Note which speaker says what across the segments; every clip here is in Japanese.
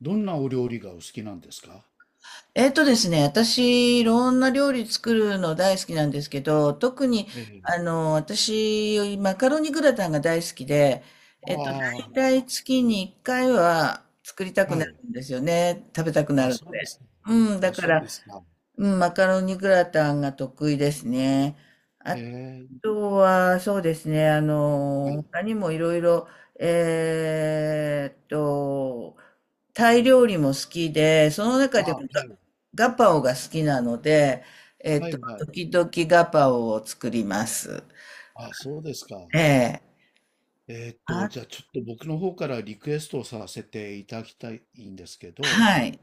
Speaker 1: どんなお料理がお好きなんですか？
Speaker 2: えっとですね、私、いろんな料理作るの大好きなんですけど、特に、
Speaker 1: ええ。
Speaker 2: 私、マカロニグラタンが大好きで、えっと、大
Speaker 1: あ
Speaker 2: 体月に1回は作りた
Speaker 1: あ、
Speaker 2: くな
Speaker 1: は
Speaker 2: る
Speaker 1: い。
Speaker 2: んですよね。食べたくな
Speaker 1: あ、
Speaker 2: るの
Speaker 1: そうで
Speaker 2: で。
Speaker 1: すか。
Speaker 2: うん、だ
Speaker 1: あ、
Speaker 2: か
Speaker 1: そう
Speaker 2: ら、
Speaker 1: ですか。
Speaker 2: うん、マカロニグラタンが得意ですね。あ
Speaker 1: ええ、
Speaker 2: とは、そうですね、
Speaker 1: はい。
Speaker 2: 他にもいろいろ、えーっと、タイ料理も好きで、その中
Speaker 1: あ、
Speaker 2: で
Speaker 1: は
Speaker 2: も
Speaker 1: い。
Speaker 2: ガパオが好きなので、
Speaker 1: はいはい。
Speaker 2: 時々ガパオを作ります。
Speaker 1: あ、そうですか。
Speaker 2: ええ。あ、
Speaker 1: じゃあちょっと僕の方からリクエストをさせていただきたいんですけど、
Speaker 2: はい。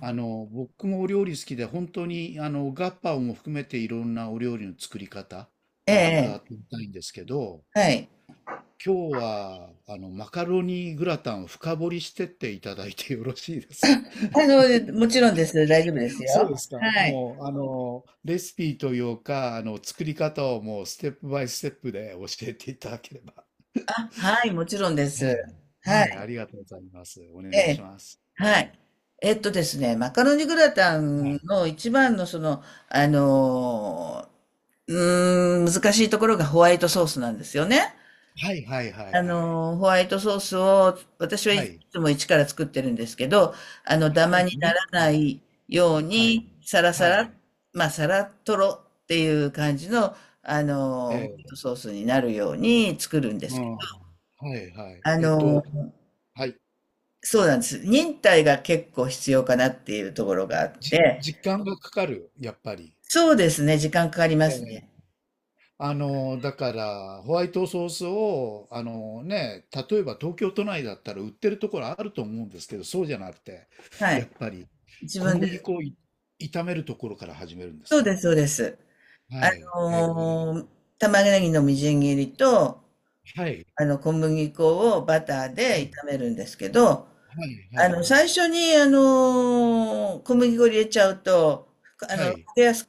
Speaker 1: あの、僕もお料理好きで、本当にあの、ガッパオも含めていろんなお料理の作り方、
Speaker 2: え
Speaker 1: あの、伺っ
Speaker 2: え、
Speaker 1: てみたいんですけど、
Speaker 2: はい。
Speaker 1: 今日はあの、マカロニグラタンを深掘りしてっていただいてよろしいですか？
Speaker 2: もちろんです。大丈夫です
Speaker 1: そう
Speaker 2: よ。
Speaker 1: ですか。
Speaker 2: はい。
Speaker 1: もう、あの、レシピというか、あの、作り方をもうステップバイステップで教えていただければ。
Speaker 2: あ、はい、もちろんです。
Speaker 1: はい。
Speaker 2: は
Speaker 1: はい、あ
Speaker 2: い。
Speaker 1: りがとうございます。お
Speaker 2: え
Speaker 1: 願いし
Speaker 2: え。
Speaker 1: ます。は
Speaker 2: は
Speaker 1: い。
Speaker 2: い。えっとですね、マカロニグラタ
Speaker 1: は
Speaker 2: ン
Speaker 1: い。
Speaker 2: の一番のその、あの、難しいところがホワイトソースなんですよね。
Speaker 1: はいはいはいはい。
Speaker 2: ホワイトソースを、私は
Speaker 1: は
Speaker 2: い
Speaker 1: い。
Speaker 2: つも一から作ってるんですけど、ダマ にな
Speaker 1: ね。
Speaker 2: ら
Speaker 1: は
Speaker 2: な
Speaker 1: い。
Speaker 2: いよう
Speaker 1: はい。
Speaker 2: に、サラサ
Speaker 1: はい。
Speaker 2: ラ、まあ、サラトロっていう感じの、ホ
Speaker 1: え
Speaker 2: ワイ
Speaker 1: え。
Speaker 2: トソースになるように作るんで
Speaker 1: う
Speaker 2: すけど、
Speaker 1: ん。はいはい。
Speaker 2: あ
Speaker 1: えっと、
Speaker 2: の、
Speaker 1: はい。
Speaker 2: そうなんです。忍耐が結構必要かなっていうところがあっ
Speaker 1: じ
Speaker 2: て、
Speaker 1: 時間がかかる、やっぱり。
Speaker 2: そうですね、時間かかりま
Speaker 1: え
Speaker 2: す
Speaker 1: え。
Speaker 2: ね。
Speaker 1: あの、だから、ホワイトソースを、あのね、例えば東京都内だったら売ってるところあると思うんですけど、そうじゃなくて、
Speaker 2: は
Speaker 1: やっ
Speaker 2: い。
Speaker 1: ぱり
Speaker 2: 自
Speaker 1: 小
Speaker 2: 分で、
Speaker 1: 麦粉をい炒めるところから始めるんです
Speaker 2: そう
Speaker 1: か？
Speaker 2: です、そうです。あ
Speaker 1: はい。へえ。
Speaker 2: のー、玉ねぎのみじん切りと、
Speaker 1: はい。
Speaker 2: 小麦粉をバター
Speaker 1: は
Speaker 2: で
Speaker 1: い。
Speaker 2: 炒めるんですけど、
Speaker 1: はい。はい。
Speaker 2: 最初に、小麦粉入れちゃうと、あ
Speaker 1: は
Speaker 2: の、焦
Speaker 1: い。
Speaker 2: げやす、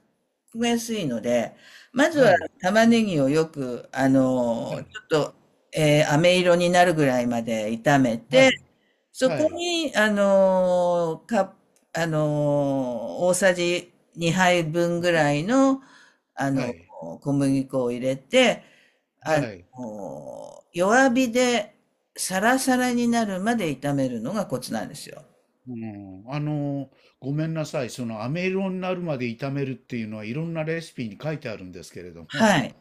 Speaker 2: 焦げやすいので、まず
Speaker 1: は
Speaker 2: は
Speaker 1: い。
Speaker 2: 玉ねぎをよく、
Speaker 1: は
Speaker 2: ち
Speaker 1: い。
Speaker 2: ょっと、飴色になるぐらいまで炒め
Speaker 1: は
Speaker 2: て、
Speaker 1: い。
Speaker 2: そこ
Speaker 1: は
Speaker 2: に、あのか、あの大さじ2杯分ぐらいの、
Speaker 1: い。
Speaker 2: 小麦粉を入れて、
Speaker 1: は
Speaker 2: あ
Speaker 1: い。
Speaker 2: 弱火でサラサラになるまで炒めるのがコツなんですよ。
Speaker 1: うん、あの、ごめんなさい。その、飴色になるまで炒めるっていうのは、いろんなレシピに書いてあるんですけれども、
Speaker 2: はい。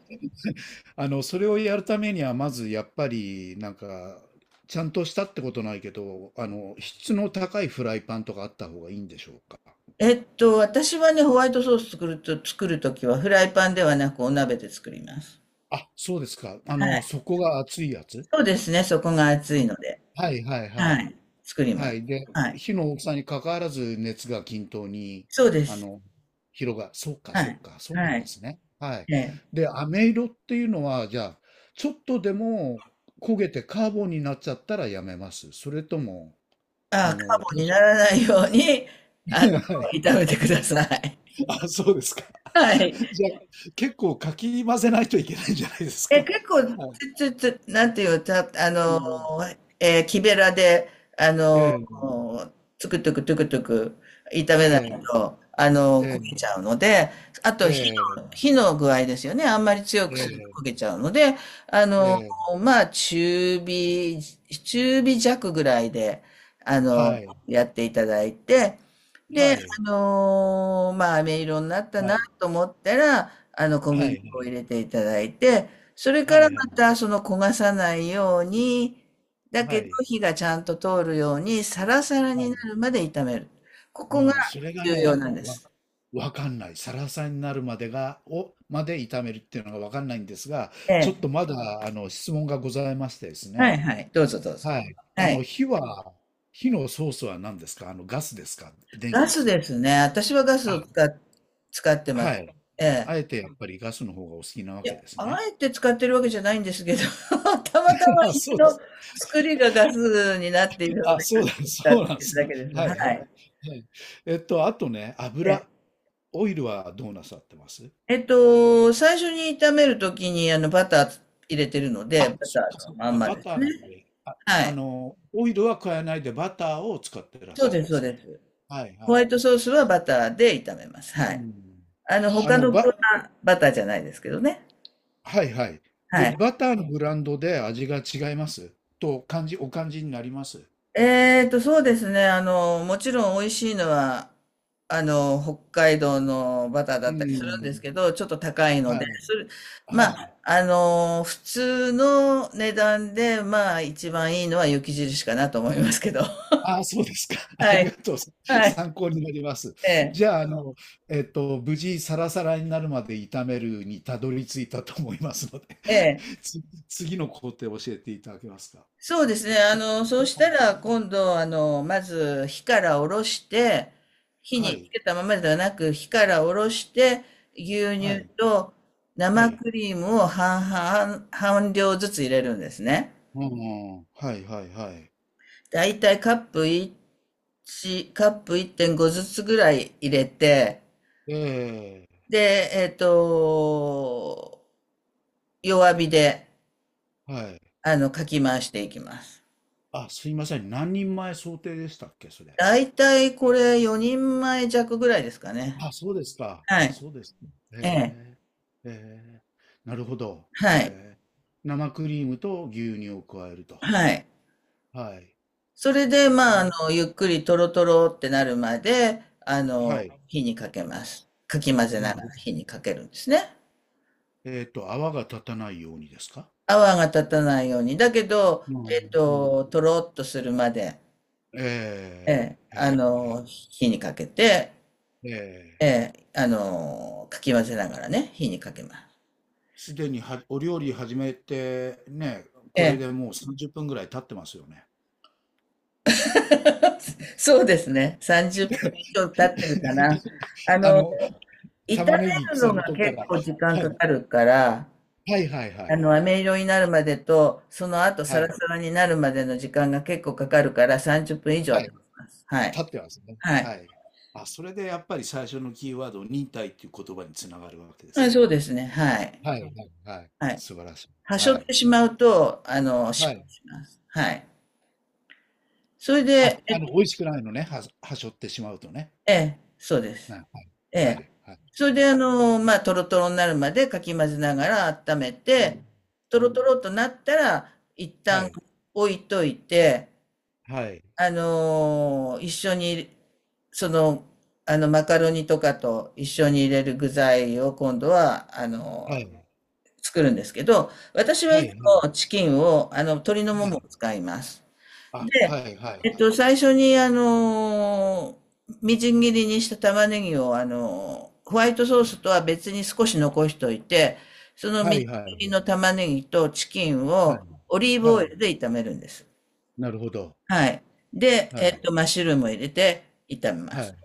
Speaker 1: あの、それをやるためには、まずやっぱり、なんか、ちゃんとしたってことないけど、あの、質の高いフライパンとかあった方がいいんでしょうか。
Speaker 2: えっと、私はね、ホワイトソース作ると、作るときはフライパンではなくお鍋で作ります。
Speaker 1: あ、そうですか。あ
Speaker 2: は
Speaker 1: の、
Speaker 2: い。
Speaker 1: 底が熱いやつ。
Speaker 2: そうですね、そこが熱いので。
Speaker 1: あはいはいは
Speaker 2: は
Speaker 1: い。
Speaker 2: い。作りま
Speaker 1: は
Speaker 2: す。
Speaker 1: い。で、
Speaker 2: はい。
Speaker 1: 火の大きさに関わらず熱が均等に、
Speaker 2: そうで
Speaker 1: あ
Speaker 2: す。
Speaker 1: の、そうか
Speaker 2: は
Speaker 1: そ
Speaker 2: い。
Speaker 1: うか、そうな
Speaker 2: は
Speaker 1: んで
Speaker 2: い。
Speaker 1: すね。はい。
Speaker 2: ええ。
Speaker 1: で、飴色っていうのは、じゃあ、ちょっとでも焦げてカーボンになっちゃったらやめます。それとも、
Speaker 2: あ
Speaker 1: あ
Speaker 2: あ、カ
Speaker 1: の、
Speaker 2: ーボ
Speaker 1: 多
Speaker 2: ンに
Speaker 1: 少
Speaker 2: ならないように、あの、
Speaker 1: は
Speaker 2: 炒
Speaker 1: い。
Speaker 2: めてください。
Speaker 1: あ、そうですか。
Speaker 2: はい。
Speaker 1: じゃあ、結構かき混ぜないといけないんじゃないです
Speaker 2: え、
Speaker 1: か。
Speaker 2: 結 構、
Speaker 1: はい。
Speaker 2: つ、つ、つ、なんていう、た、あ
Speaker 1: う
Speaker 2: の、
Speaker 1: ん。
Speaker 2: えー木べらで、あの、
Speaker 1: ええ、
Speaker 2: つくつくつくつく炒めない
Speaker 1: ええ、
Speaker 2: と、
Speaker 1: ええ、
Speaker 2: 焦げちゃうので、あ
Speaker 1: え
Speaker 2: と
Speaker 1: え、
Speaker 2: 火の具合ですよね。あんまり強くすると焦
Speaker 1: え
Speaker 2: げちゃうので、あ
Speaker 1: え、え
Speaker 2: の、
Speaker 1: え、
Speaker 2: まあ、中火弱ぐらいで、あ
Speaker 1: は
Speaker 2: の、
Speaker 1: い、
Speaker 2: やっていただいて、
Speaker 1: は
Speaker 2: で、
Speaker 1: い、
Speaker 2: まあ、飴色になった
Speaker 1: は
Speaker 2: な
Speaker 1: い、
Speaker 2: と思ったら、小
Speaker 1: は
Speaker 2: 麦粉を入
Speaker 1: い、
Speaker 2: れていただいて、それか
Speaker 1: は
Speaker 2: ら
Speaker 1: い、は
Speaker 2: ま
Speaker 1: い、
Speaker 2: たその焦がさないように、だけ
Speaker 1: は
Speaker 2: ど
Speaker 1: い、
Speaker 2: 火がちゃんと通るようにサラサラ
Speaker 1: は
Speaker 2: にな
Speaker 1: い。
Speaker 2: るまで炒める。ここが
Speaker 1: うん、それが
Speaker 2: 重要
Speaker 1: ね、
Speaker 2: なんで
Speaker 1: わ
Speaker 2: す。
Speaker 1: わかんない。サラサになるまでがをまで炒めるっていうのがわかんないんですが、
Speaker 2: え
Speaker 1: ちょっ
Speaker 2: え。
Speaker 1: とまだ、あの、質問がございましてです
Speaker 2: はい
Speaker 1: ね。
Speaker 2: はい。どうぞどうぞ。
Speaker 1: はい。あ
Speaker 2: は
Speaker 1: の、
Speaker 2: い。
Speaker 1: 火のソースは何ですか？あの、ガスですか？電
Speaker 2: ガ
Speaker 1: 気で
Speaker 2: ス
Speaker 1: すか？
Speaker 2: ですね。私はガス
Speaker 1: あ、
Speaker 2: を使っ、使ってま
Speaker 1: は
Speaker 2: す。
Speaker 1: い。
Speaker 2: ええ。
Speaker 1: あえてやっぱりガスの方がお好きなわ
Speaker 2: いや、
Speaker 1: けです
Speaker 2: あ
Speaker 1: ね。
Speaker 2: えて使ってるわけじゃないんですけど、たまたま
Speaker 1: あ、
Speaker 2: 家
Speaker 1: そうで
Speaker 2: の
Speaker 1: す。
Speaker 2: 作りがガスになっているの
Speaker 1: あ、
Speaker 2: で、
Speaker 1: そうだ、
Speaker 2: 使っ
Speaker 1: そうなんで
Speaker 2: てる
Speaker 1: す
Speaker 2: だ
Speaker 1: ね。
Speaker 2: けです。
Speaker 1: は
Speaker 2: は
Speaker 1: いはい。
Speaker 2: い。
Speaker 1: はい。えっと、あとね、油、オイルはどうなさってます？
Speaker 2: えっと、最初に炒めるときにバター入れてるので、
Speaker 1: あ、
Speaker 2: バタ
Speaker 1: そっか
Speaker 2: ーの
Speaker 1: そっ
Speaker 2: まん
Speaker 1: か、
Speaker 2: ま
Speaker 1: バ
Speaker 2: です
Speaker 1: ターなん
Speaker 2: ね。
Speaker 1: で。
Speaker 2: は
Speaker 1: あ
Speaker 2: い。
Speaker 1: の、オイルは加えないでバターを使ってらっ
Speaker 2: そ
Speaker 1: し
Speaker 2: う
Speaker 1: ゃる
Speaker 2: で
Speaker 1: ん
Speaker 2: す、
Speaker 1: で
Speaker 2: そう
Speaker 1: す
Speaker 2: で
Speaker 1: ね。
Speaker 2: す。
Speaker 1: はい
Speaker 2: ホ
Speaker 1: は
Speaker 2: ワ
Speaker 1: い。
Speaker 2: イトソースはバターで炒めます。は
Speaker 1: う
Speaker 2: い。
Speaker 1: ん。
Speaker 2: あの、
Speaker 1: あ
Speaker 2: 他
Speaker 1: の、
Speaker 2: の具
Speaker 1: ば、
Speaker 2: はバターじゃないですけどね。
Speaker 1: はいはい。で、
Speaker 2: はい。
Speaker 1: バターのブランドで味が違いますと感じ、お感じになります。
Speaker 2: えっと、そうですね。もちろん美味しいのは、北海道のバターだ
Speaker 1: う
Speaker 2: ったりするんです
Speaker 1: ん。
Speaker 2: けど、ちょっと高いの
Speaker 1: は
Speaker 2: で、
Speaker 1: い。
Speaker 2: それ、ま
Speaker 1: は
Speaker 2: あ、
Speaker 1: い。
Speaker 2: 普通の値段で、まあ、一番いいのは雪印かなと思いますけど。
Speaker 1: ああ、そうですか。あ
Speaker 2: は
Speaker 1: り
Speaker 2: い。
Speaker 1: がとう。
Speaker 2: はい。
Speaker 1: 参考になります。
Speaker 2: ええ、
Speaker 1: じゃあ、あの、えっと、無事サラサラになるまで炒めるにたどり着いたと思いますので、
Speaker 2: ええ。
Speaker 1: つ次の工程を教えていただけますか？
Speaker 2: そうですね。そうし
Speaker 1: は
Speaker 2: た
Speaker 1: い。
Speaker 2: ら、今度、まず、火から下ろして、火につ
Speaker 1: は
Speaker 2: けたままではなく、火から下ろして、牛乳
Speaker 1: い。
Speaker 2: と
Speaker 1: は
Speaker 2: 生
Speaker 1: い。
Speaker 2: クリームを半量ずつ入れるんですね。
Speaker 1: うんうん。はいはいはい。
Speaker 2: だいたいカップ1、カップ1.5ずつぐらい入れて、
Speaker 1: え
Speaker 2: で、えっと、弱火で、
Speaker 1: え、はい。
Speaker 2: かき回していきます。
Speaker 1: あ、すいません。何人前想定でしたっけ？それ。
Speaker 2: だいたいこれ4人前弱ぐらいですかね。
Speaker 1: あ、そうですか。
Speaker 2: は
Speaker 1: あ、
Speaker 2: い。
Speaker 1: そうですね。
Speaker 2: ええ。
Speaker 1: へえ。へえ。なるほど。
Speaker 2: はい。
Speaker 1: ええ。生クリームと牛乳を加えると。
Speaker 2: はい。
Speaker 1: はい。
Speaker 2: それで、まあ、
Speaker 1: で、
Speaker 2: ゆっくりとろとろってなるまで、
Speaker 1: はい。
Speaker 2: 火にかけます。かき混ぜ
Speaker 1: な
Speaker 2: な
Speaker 1: る
Speaker 2: が
Speaker 1: ほ
Speaker 2: ら
Speaker 1: ど。
Speaker 2: 火にかけるんですね。
Speaker 1: えっと、泡が立たないようにですか？
Speaker 2: 泡が立たないように。だけど、
Speaker 1: う
Speaker 2: え
Speaker 1: ん、
Speaker 2: っ
Speaker 1: うん。
Speaker 2: と、とろっとするまで、え
Speaker 1: え
Speaker 2: え、
Speaker 1: え、え
Speaker 2: 火にかけて、
Speaker 1: え、
Speaker 2: ええ、かき混ぜながらね、火にかけます。
Speaker 1: すでにはお料理始めて、ね、
Speaker 2: え
Speaker 1: これ
Speaker 2: え。
Speaker 1: でもう30分ぐらい経ってますよね。
Speaker 2: そうですね。30分以上経ってるかな。あ
Speaker 1: あ
Speaker 2: の、
Speaker 1: の、
Speaker 2: 炒め
Speaker 1: 玉ねぎ
Speaker 2: る
Speaker 1: 刻
Speaker 2: の
Speaker 1: む
Speaker 2: が
Speaker 1: とこか
Speaker 2: 結
Speaker 1: ら、
Speaker 2: 構時間
Speaker 1: は
Speaker 2: か
Speaker 1: い。
Speaker 2: かるから、
Speaker 1: はいはいはいはい。
Speaker 2: 飴色になるまでと、その後
Speaker 1: は
Speaker 2: サラサ
Speaker 1: い、
Speaker 2: ラになるまでの時間が結構かかるから30分以上
Speaker 1: は
Speaker 2: は経
Speaker 1: い、
Speaker 2: ちます。はい。
Speaker 1: 経ってますね。
Speaker 2: はい。
Speaker 1: はい。あ、それでやっぱり最初のキーワード、忍耐っていう言葉に繋がるわけで
Speaker 2: は
Speaker 1: す
Speaker 2: い、
Speaker 1: ね。
Speaker 2: そうですね。はい。
Speaker 1: はいはいはい。
Speaker 2: はい。
Speaker 1: 素晴らしい。
Speaker 2: 端
Speaker 1: は
Speaker 2: 折っ
Speaker 1: い。
Speaker 2: てしまうと、
Speaker 1: は
Speaker 2: 失敗
Speaker 1: い。
Speaker 2: します。はい。それ
Speaker 1: あ、
Speaker 2: で、え
Speaker 1: あ
Speaker 2: っ
Speaker 1: の、
Speaker 2: と、
Speaker 1: 美味しくないのね、は、はしょってしまうとね。
Speaker 2: ええ、そうで
Speaker 1: は
Speaker 2: す。
Speaker 1: い、
Speaker 2: え
Speaker 1: は
Speaker 2: え。
Speaker 1: い、はい、
Speaker 2: それ
Speaker 1: は
Speaker 2: で、
Speaker 1: い。
Speaker 2: まあ、トロトロになるまでかき混ぜながら温め
Speaker 1: うん、
Speaker 2: て、ト
Speaker 1: う
Speaker 2: ロ
Speaker 1: ん、
Speaker 2: トロとなったら、一
Speaker 1: は
Speaker 2: 旦
Speaker 1: い、
Speaker 2: 置いといて、
Speaker 1: はい、
Speaker 2: あの一緒に、その、マカロニとかと一緒に入れる具材を今度は、
Speaker 1: はい、
Speaker 2: 作るんですけど、私は
Speaker 1: は
Speaker 2: い
Speaker 1: い、
Speaker 2: つ
Speaker 1: はい、
Speaker 2: もチキンを、鶏のも
Speaker 1: は
Speaker 2: もを
Speaker 1: い、
Speaker 2: 使います。
Speaker 1: あ、は
Speaker 2: で、
Speaker 1: い、は
Speaker 2: えっ
Speaker 1: い、
Speaker 2: と、最初に、みじん切りにした玉ねぎを、ホワイトソースとは別に少し残しておいて、その
Speaker 1: は
Speaker 2: みじ
Speaker 1: い、
Speaker 2: ん
Speaker 1: は
Speaker 2: 切り
Speaker 1: い、
Speaker 2: の玉ねぎとチキン
Speaker 1: は
Speaker 2: をオリー
Speaker 1: い、は
Speaker 2: ブオイ
Speaker 1: い、
Speaker 2: ルで炒めるんです。
Speaker 1: なるほど。
Speaker 2: はい。で、え
Speaker 1: は
Speaker 2: っ
Speaker 1: い、
Speaker 2: と、マッシュルームを入れて炒めま
Speaker 1: は
Speaker 2: す。
Speaker 1: い、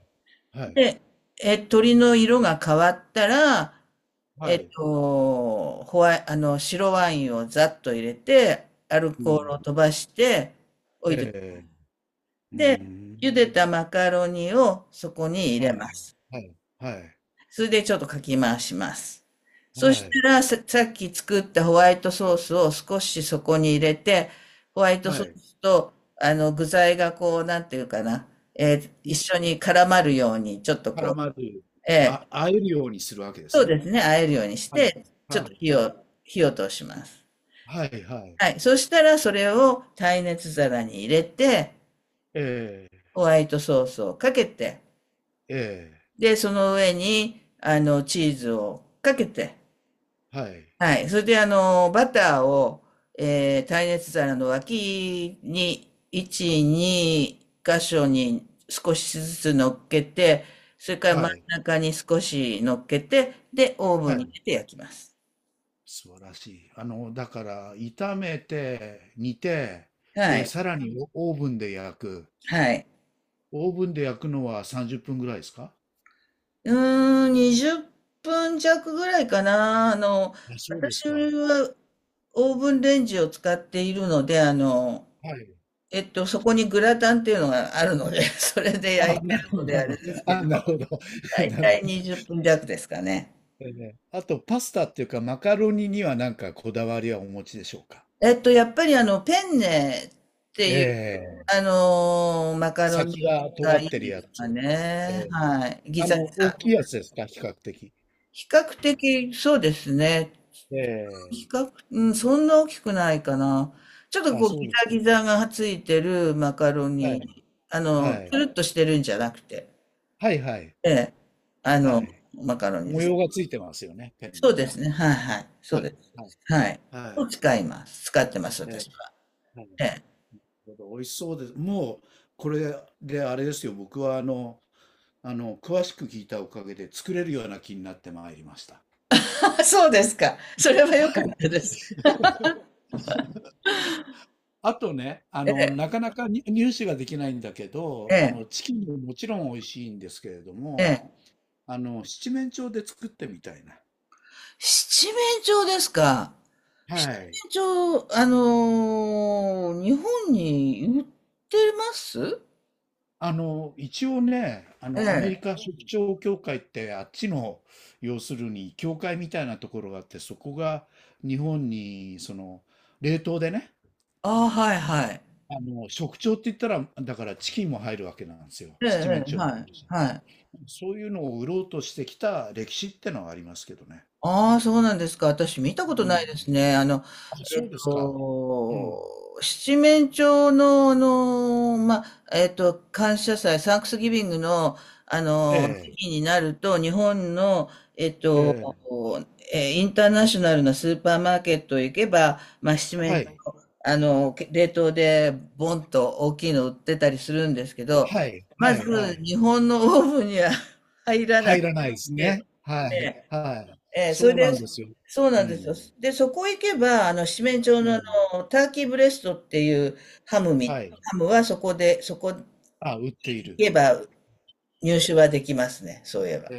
Speaker 1: はい、
Speaker 2: で、え、鶏の色が変わったら、
Speaker 1: は
Speaker 2: えっ
Speaker 1: い、
Speaker 2: と、ホワイ、あの、白ワインをざっと入れて、アル
Speaker 1: う
Speaker 2: コールを
Speaker 1: ん、
Speaker 2: 飛ばしてお
Speaker 1: ええ、うー
Speaker 2: で、
Speaker 1: ん、
Speaker 2: 茹でたマカロニをそこに入
Speaker 1: は
Speaker 2: れま
Speaker 1: い、
Speaker 2: す。
Speaker 1: はい、はい、
Speaker 2: それでちょっとかき回します。そ
Speaker 1: は
Speaker 2: し
Speaker 1: い、
Speaker 2: たらさ、さっき作ったホワイトソースを少しそこに入れて、ホワイト
Speaker 1: は
Speaker 2: ソ
Speaker 1: い、
Speaker 2: ースと、具材がこう、なんていうかな、一緒に絡まるように、ちょっと
Speaker 1: 絡
Speaker 2: こ
Speaker 1: まる、
Speaker 2: う、えー
Speaker 1: あ、会えるようにするわけで
Speaker 2: そ
Speaker 1: す
Speaker 2: う
Speaker 1: ね。
Speaker 2: ですね、和えるようにし
Speaker 1: はい、
Speaker 2: て、ちょっ
Speaker 1: は
Speaker 2: と
Speaker 1: い、
Speaker 2: 火
Speaker 1: は
Speaker 2: を、
Speaker 1: い、
Speaker 2: 火を通します。
Speaker 1: はい、はい、
Speaker 2: はい。そしたら、それを耐熱皿に入れて、
Speaker 1: え
Speaker 2: ホワイトソースをかけて、
Speaker 1: え、ええ。
Speaker 2: で、その上に、チーズをかけて、
Speaker 1: はい。
Speaker 2: はい。それで、バターを、耐熱皿の脇に、1、2箇所に少しずつ乗っけて、それから真ん
Speaker 1: はい。
Speaker 2: 中に少し乗っけて、で、オーブン
Speaker 1: は
Speaker 2: に
Speaker 1: い。
Speaker 2: 入れて焼きます。
Speaker 1: 素晴らしい。あの、だから、炒めて、煮て、
Speaker 2: は
Speaker 1: で、
Speaker 2: い。
Speaker 1: さらにオーブンで焼く。
Speaker 2: はい。
Speaker 1: オーブンで焼くのは30分ぐらいですか？
Speaker 2: うーん、20分弱ぐらいかな。
Speaker 1: あ、そうです
Speaker 2: 私
Speaker 1: か。
Speaker 2: はオーブンレンジを使っているので、
Speaker 1: はい。
Speaker 2: そこにグラタンっていうのがあるので、それで
Speaker 1: あ、
Speaker 2: 焼いて
Speaker 1: な
Speaker 2: る
Speaker 1: るほ
Speaker 2: の
Speaker 1: ど、な
Speaker 2: で
Speaker 1: る
Speaker 2: あ
Speaker 1: ほ
Speaker 2: れ
Speaker 1: ど。
Speaker 2: ですけ
Speaker 1: あ、なる
Speaker 2: ど、
Speaker 1: ほど。
Speaker 2: 大
Speaker 1: なる
Speaker 2: 体
Speaker 1: ほど。
Speaker 2: 20分弱ですかね。
Speaker 1: えーねあと、パスタっていうか、マカロニにはなんかこだわりはお持ちでしょうか？
Speaker 2: えっと、やっぱりペンネっていう、
Speaker 1: ええ、
Speaker 2: マカロニ
Speaker 1: 先が尖
Speaker 2: がい
Speaker 1: ってる
Speaker 2: いで
Speaker 1: や
Speaker 2: す
Speaker 1: つ。
Speaker 2: か
Speaker 1: え
Speaker 2: ね。
Speaker 1: え、
Speaker 2: はい。ギ
Speaker 1: あ
Speaker 2: ザギ
Speaker 1: の、大きい
Speaker 2: ザ。
Speaker 1: やつですか、比較的。
Speaker 2: 比較的、そうですね。
Speaker 1: ええ、
Speaker 2: うん、そんな大きくないかな。ちょっと
Speaker 1: あ、
Speaker 2: こう、
Speaker 1: そう
Speaker 2: ギ
Speaker 1: です
Speaker 2: ザ
Speaker 1: か。
Speaker 2: ギザがついてるマカロ
Speaker 1: はい。
Speaker 2: ニ、
Speaker 1: は
Speaker 2: つ
Speaker 1: い。
Speaker 2: るっとしてるんじゃなくて、
Speaker 1: はいはい。
Speaker 2: ええ、あの、
Speaker 1: はい。
Speaker 2: マカロニで
Speaker 1: 模
Speaker 2: す。
Speaker 1: 様がついてますよね、ペン
Speaker 2: そ
Speaker 1: ネ
Speaker 2: う
Speaker 1: は
Speaker 2: です
Speaker 1: ね。
Speaker 2: ね。はいはい。そ
Speaker 1: は
Speaker 2: うで
Speaker 1: い、
Speaker 2: す。
Speaker 1: はい、
Speaker 2: はい。
Speaker 1: は
Speaker 2: を
Speaker 1: い。
Speaker 2: 使います。使ってます、
Speaker 1: ええ、はい。
Speaker 2: 私は。
Speaker 1: なる
Speaker 2: ええ。
Speaker 1: ほど、美味しそうです。もう、これであれですよ、僕はあの、あの、詳しく聞いたおかげで作れるような気になってまいりました。
Speaker 2: あ、そうですか。それは良か
Speaker 1: は
Speaker 2: ったです。
Speaker 1: い。あとね、あ
Speaker 2: え
Speaker 1: の、
Speaker 2: え、
Speaker 1: なかなかに入手ができないんだけ
Speaker 2: え
Speaker 1: ど、あ
Speaker 2: え、
Speaker 1: の、チキンももちろん美味しいんですけれど
Speaker 2: え
Speaker 1: も、
Speaker 2: え。
Speaker 1: あの、七面鳥で作ってみたいな。
Speaker 2: 七面鳥ですか。
Speaker 1: はい。
Speaker 2: 七面鳥、日本に売ってます
Speaker 1: あの、一応ね、あ
Speaker 2: え
Speaker 1: の、アメ
Speaker 2: え。
Speaker 1: リカ食出協会って、あっちの、要するに、協会みたいなところがあって、そこが日本に、その、冷凍でね、
Speaker 2: ああ、はいはい。
Speaker 1: あの、食調って言ったら、だからチキンも入るわけなんですよ。
Speaker 2: ええ、
Speaker 1: 七面
Speaker 2: ええ、
Speaker 1: 鳥も
Speaker 2: は
Speaker 1: 入
Speaker 2: い、
Speaker 1: るし。
Speaker 2: はい。
Speaker 1: そういうのを売ろうとしてきた歴史ってのはありますけどね。
Speaker 2: ああ、そうなんですか。私見たこ
Speaker 1: う
Speaker 2: とないです
Speaker 1: ん。
Speaker 2: ね。あの、
Speaker 1: あ、
Speaker 2: え
Speaker 1: そ
Speaker 2: っ
Speaker 1: うですか。うん。
Speaker 2: と、七面鳥の、まあ、えっと、感謝祭、サンクスギビングの、
Speaker 1: え
Speaker 2: 時
Speaker 1: え、
Speaker 2: 期になると、日本の、えっ
Speaker 1: え
Speaker 2: と、
Speaker 1: え、
Speaker 2: インターナショナルなスーパーマーケットへ行けば、まあ、七
Speaker 1: は
Speaker 2: 面、
Speaker 1: い。
Speaker 2: あの、冷凍でボンと大きいの売ってたりするんですけど、
Speaker 1: はい、
Speaker 2: ま
Speaker 1: は
Speaker 2: ず、
Speaker 1: い、はい。
Speaker 2: 日本のオーブンには 入らない
Speaker 1: 入
Speaker 2: し、
Speaker 1: らないです
Speaker 2: え
Speaker 1: ね。はい、
Speaker 2: え
Speaker 1: はい。
Speaker 2: ええ、それ
Speaker 1: そうなん
Speaker 2: で、
Speaker 1: ですよ。
Speaker 2: そうな
Speaker 1: う
Speaker 2: んですよ。
Speaker 1: ん。
Speaker 2: で、そこ行けば、七面鳥
Speaker 1: え
Speaker 2: の、
Speaker 1: え、
Speaker 2: ターキーブレストっていうハムみ、
Speaker 1: はい。
Speaker 2: ハムはそこで、そこ行
Speaker 1: あ、売っている。
Speaker 2: けば入手
Speaker 1: え
Speaker 2: はできますね、そういえば。
Speaker 1: え、え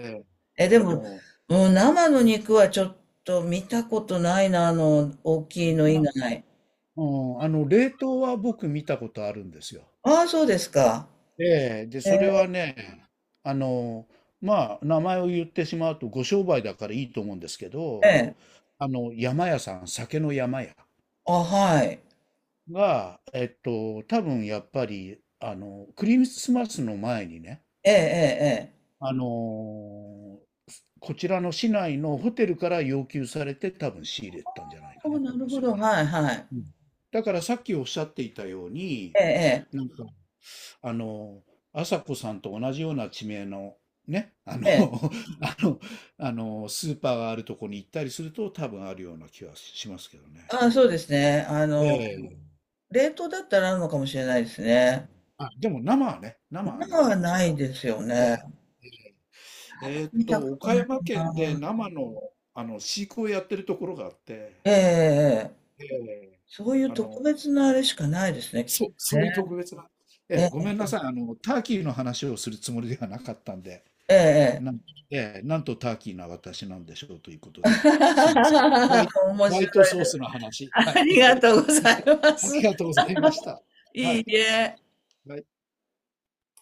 Speaker 2: え、
Speaker 1: え、
Speaker 2: で
Speaker 1: ええ、
Speaker 2: も、
Speaker 1: も
Speaker 2: うん、生の肉はちょっと見たことないな、大き
Speaker 1: う
Speaker 2: いの以
Speaker 1: 生
Speaker 2: 外。
Speaker 1: うん、あの、冷凍は僕見たことあるんですよ。
Speaker 2: ああ、そうですか。
Speaker 1: ええ、で、
Speaker 2: え
Speaker 1: それ
Speaker 2: え、
Speaker 1: はね、あの、まあ、名前を言ってしまうとご商売だからいいと思うんですけど、
Speaker 2: ええ
Speaker 1: あの、山屋さん、酒の山屋
Speaker 2: あ、はい。
Speaker 1: が、えっと、多分やっぱり、あの、クリスマスの前にね、
Speaker 2: ええ、ええ、ええ。
Speaker 1: あの、こちらの市内のホテルから要求されて多分仕入れたんじゃない
Speaker 2: あ
Speaker 1: か
Speaker 2: あ、
Speaker 1: な
Speaker 2: な
Speaker 1: と思うん
Speaker 2: る
Speaker 1: です
Speaker 2: ほ
Speaker 1: よ
Speaker 2: ど、
Speaker 1: ね。
Speaker 2: はい、はい。
Speaker 1: うん。だからさっきおっしゃっていたように、
Speaker 2: ええ、
Speaker 1: なんか、あの、朝子さんと同じような地名の、ね、あの、
Speaker 2: ええ、ええ。
Speaker 1: あの、あの、スーパーがあるとこに行ったりすると、多分あるような気はしますけどね。
Speaker 2: ああ、そうですね。
Speaker 1: ええ、
Speaker 2: 冷凍だったらあるのかもしれないですね。
Speaker 1: あ、でも生はね、生は
Speaker 2: な
Speaker 1: なか
Speaker 2: は
Speaker 1: なか。
Speaker 2: ないですよ
Speaker 1: え
Speaker 2: ね。
Speaker 1: え、
Speaker 2: 見たこと
Speaker 1: 岡
Speaker 2: ない
Speaker 1: 山県で
Speaker 2: な。
Speaker 1: 生の、あの飼育をやってるところがあって、
Speaker 2: ええええええ
Speaker 1: ええ、
Speaker 2: そういう
Speaker 1: あ
Speaker 2: 特
Speaker 1: の、
Speaker 2: 別なあれしかないですね、きっ
Speaker 1: そう、
Speaker 2: と
Speaker 1: そういう特
Speaker 2: ね。
Speaker 1: 別な。え
Speaker 2: え
Speaker 1: え、ご
Speaker 2: え
Speaker 1: めんなさい。あの、ターキーの話をするつもりではなかったんで、
Speaker 2: えええ
Speaker 1: な
Speaker 2: え
Speaker 1: ん、ええ、なんとターキーな私なんでしょうということで、すいません。ホワイ、
Speaker 2: 面
Speaker 1: ホワ
Speaker 2: 白
Speaker 1: イト
Speaker 2: い。
Speaker 1: ソースの話。は
Speaker 2: あり
Speaker 1: い。
Speaker 2: がとうござ いま
Speaker 1: あり
Speaker 2: す。
Speaker 1: がとうございました。は
Speaker 2: い
Speaker 1: い。
Speaker 2: いえ。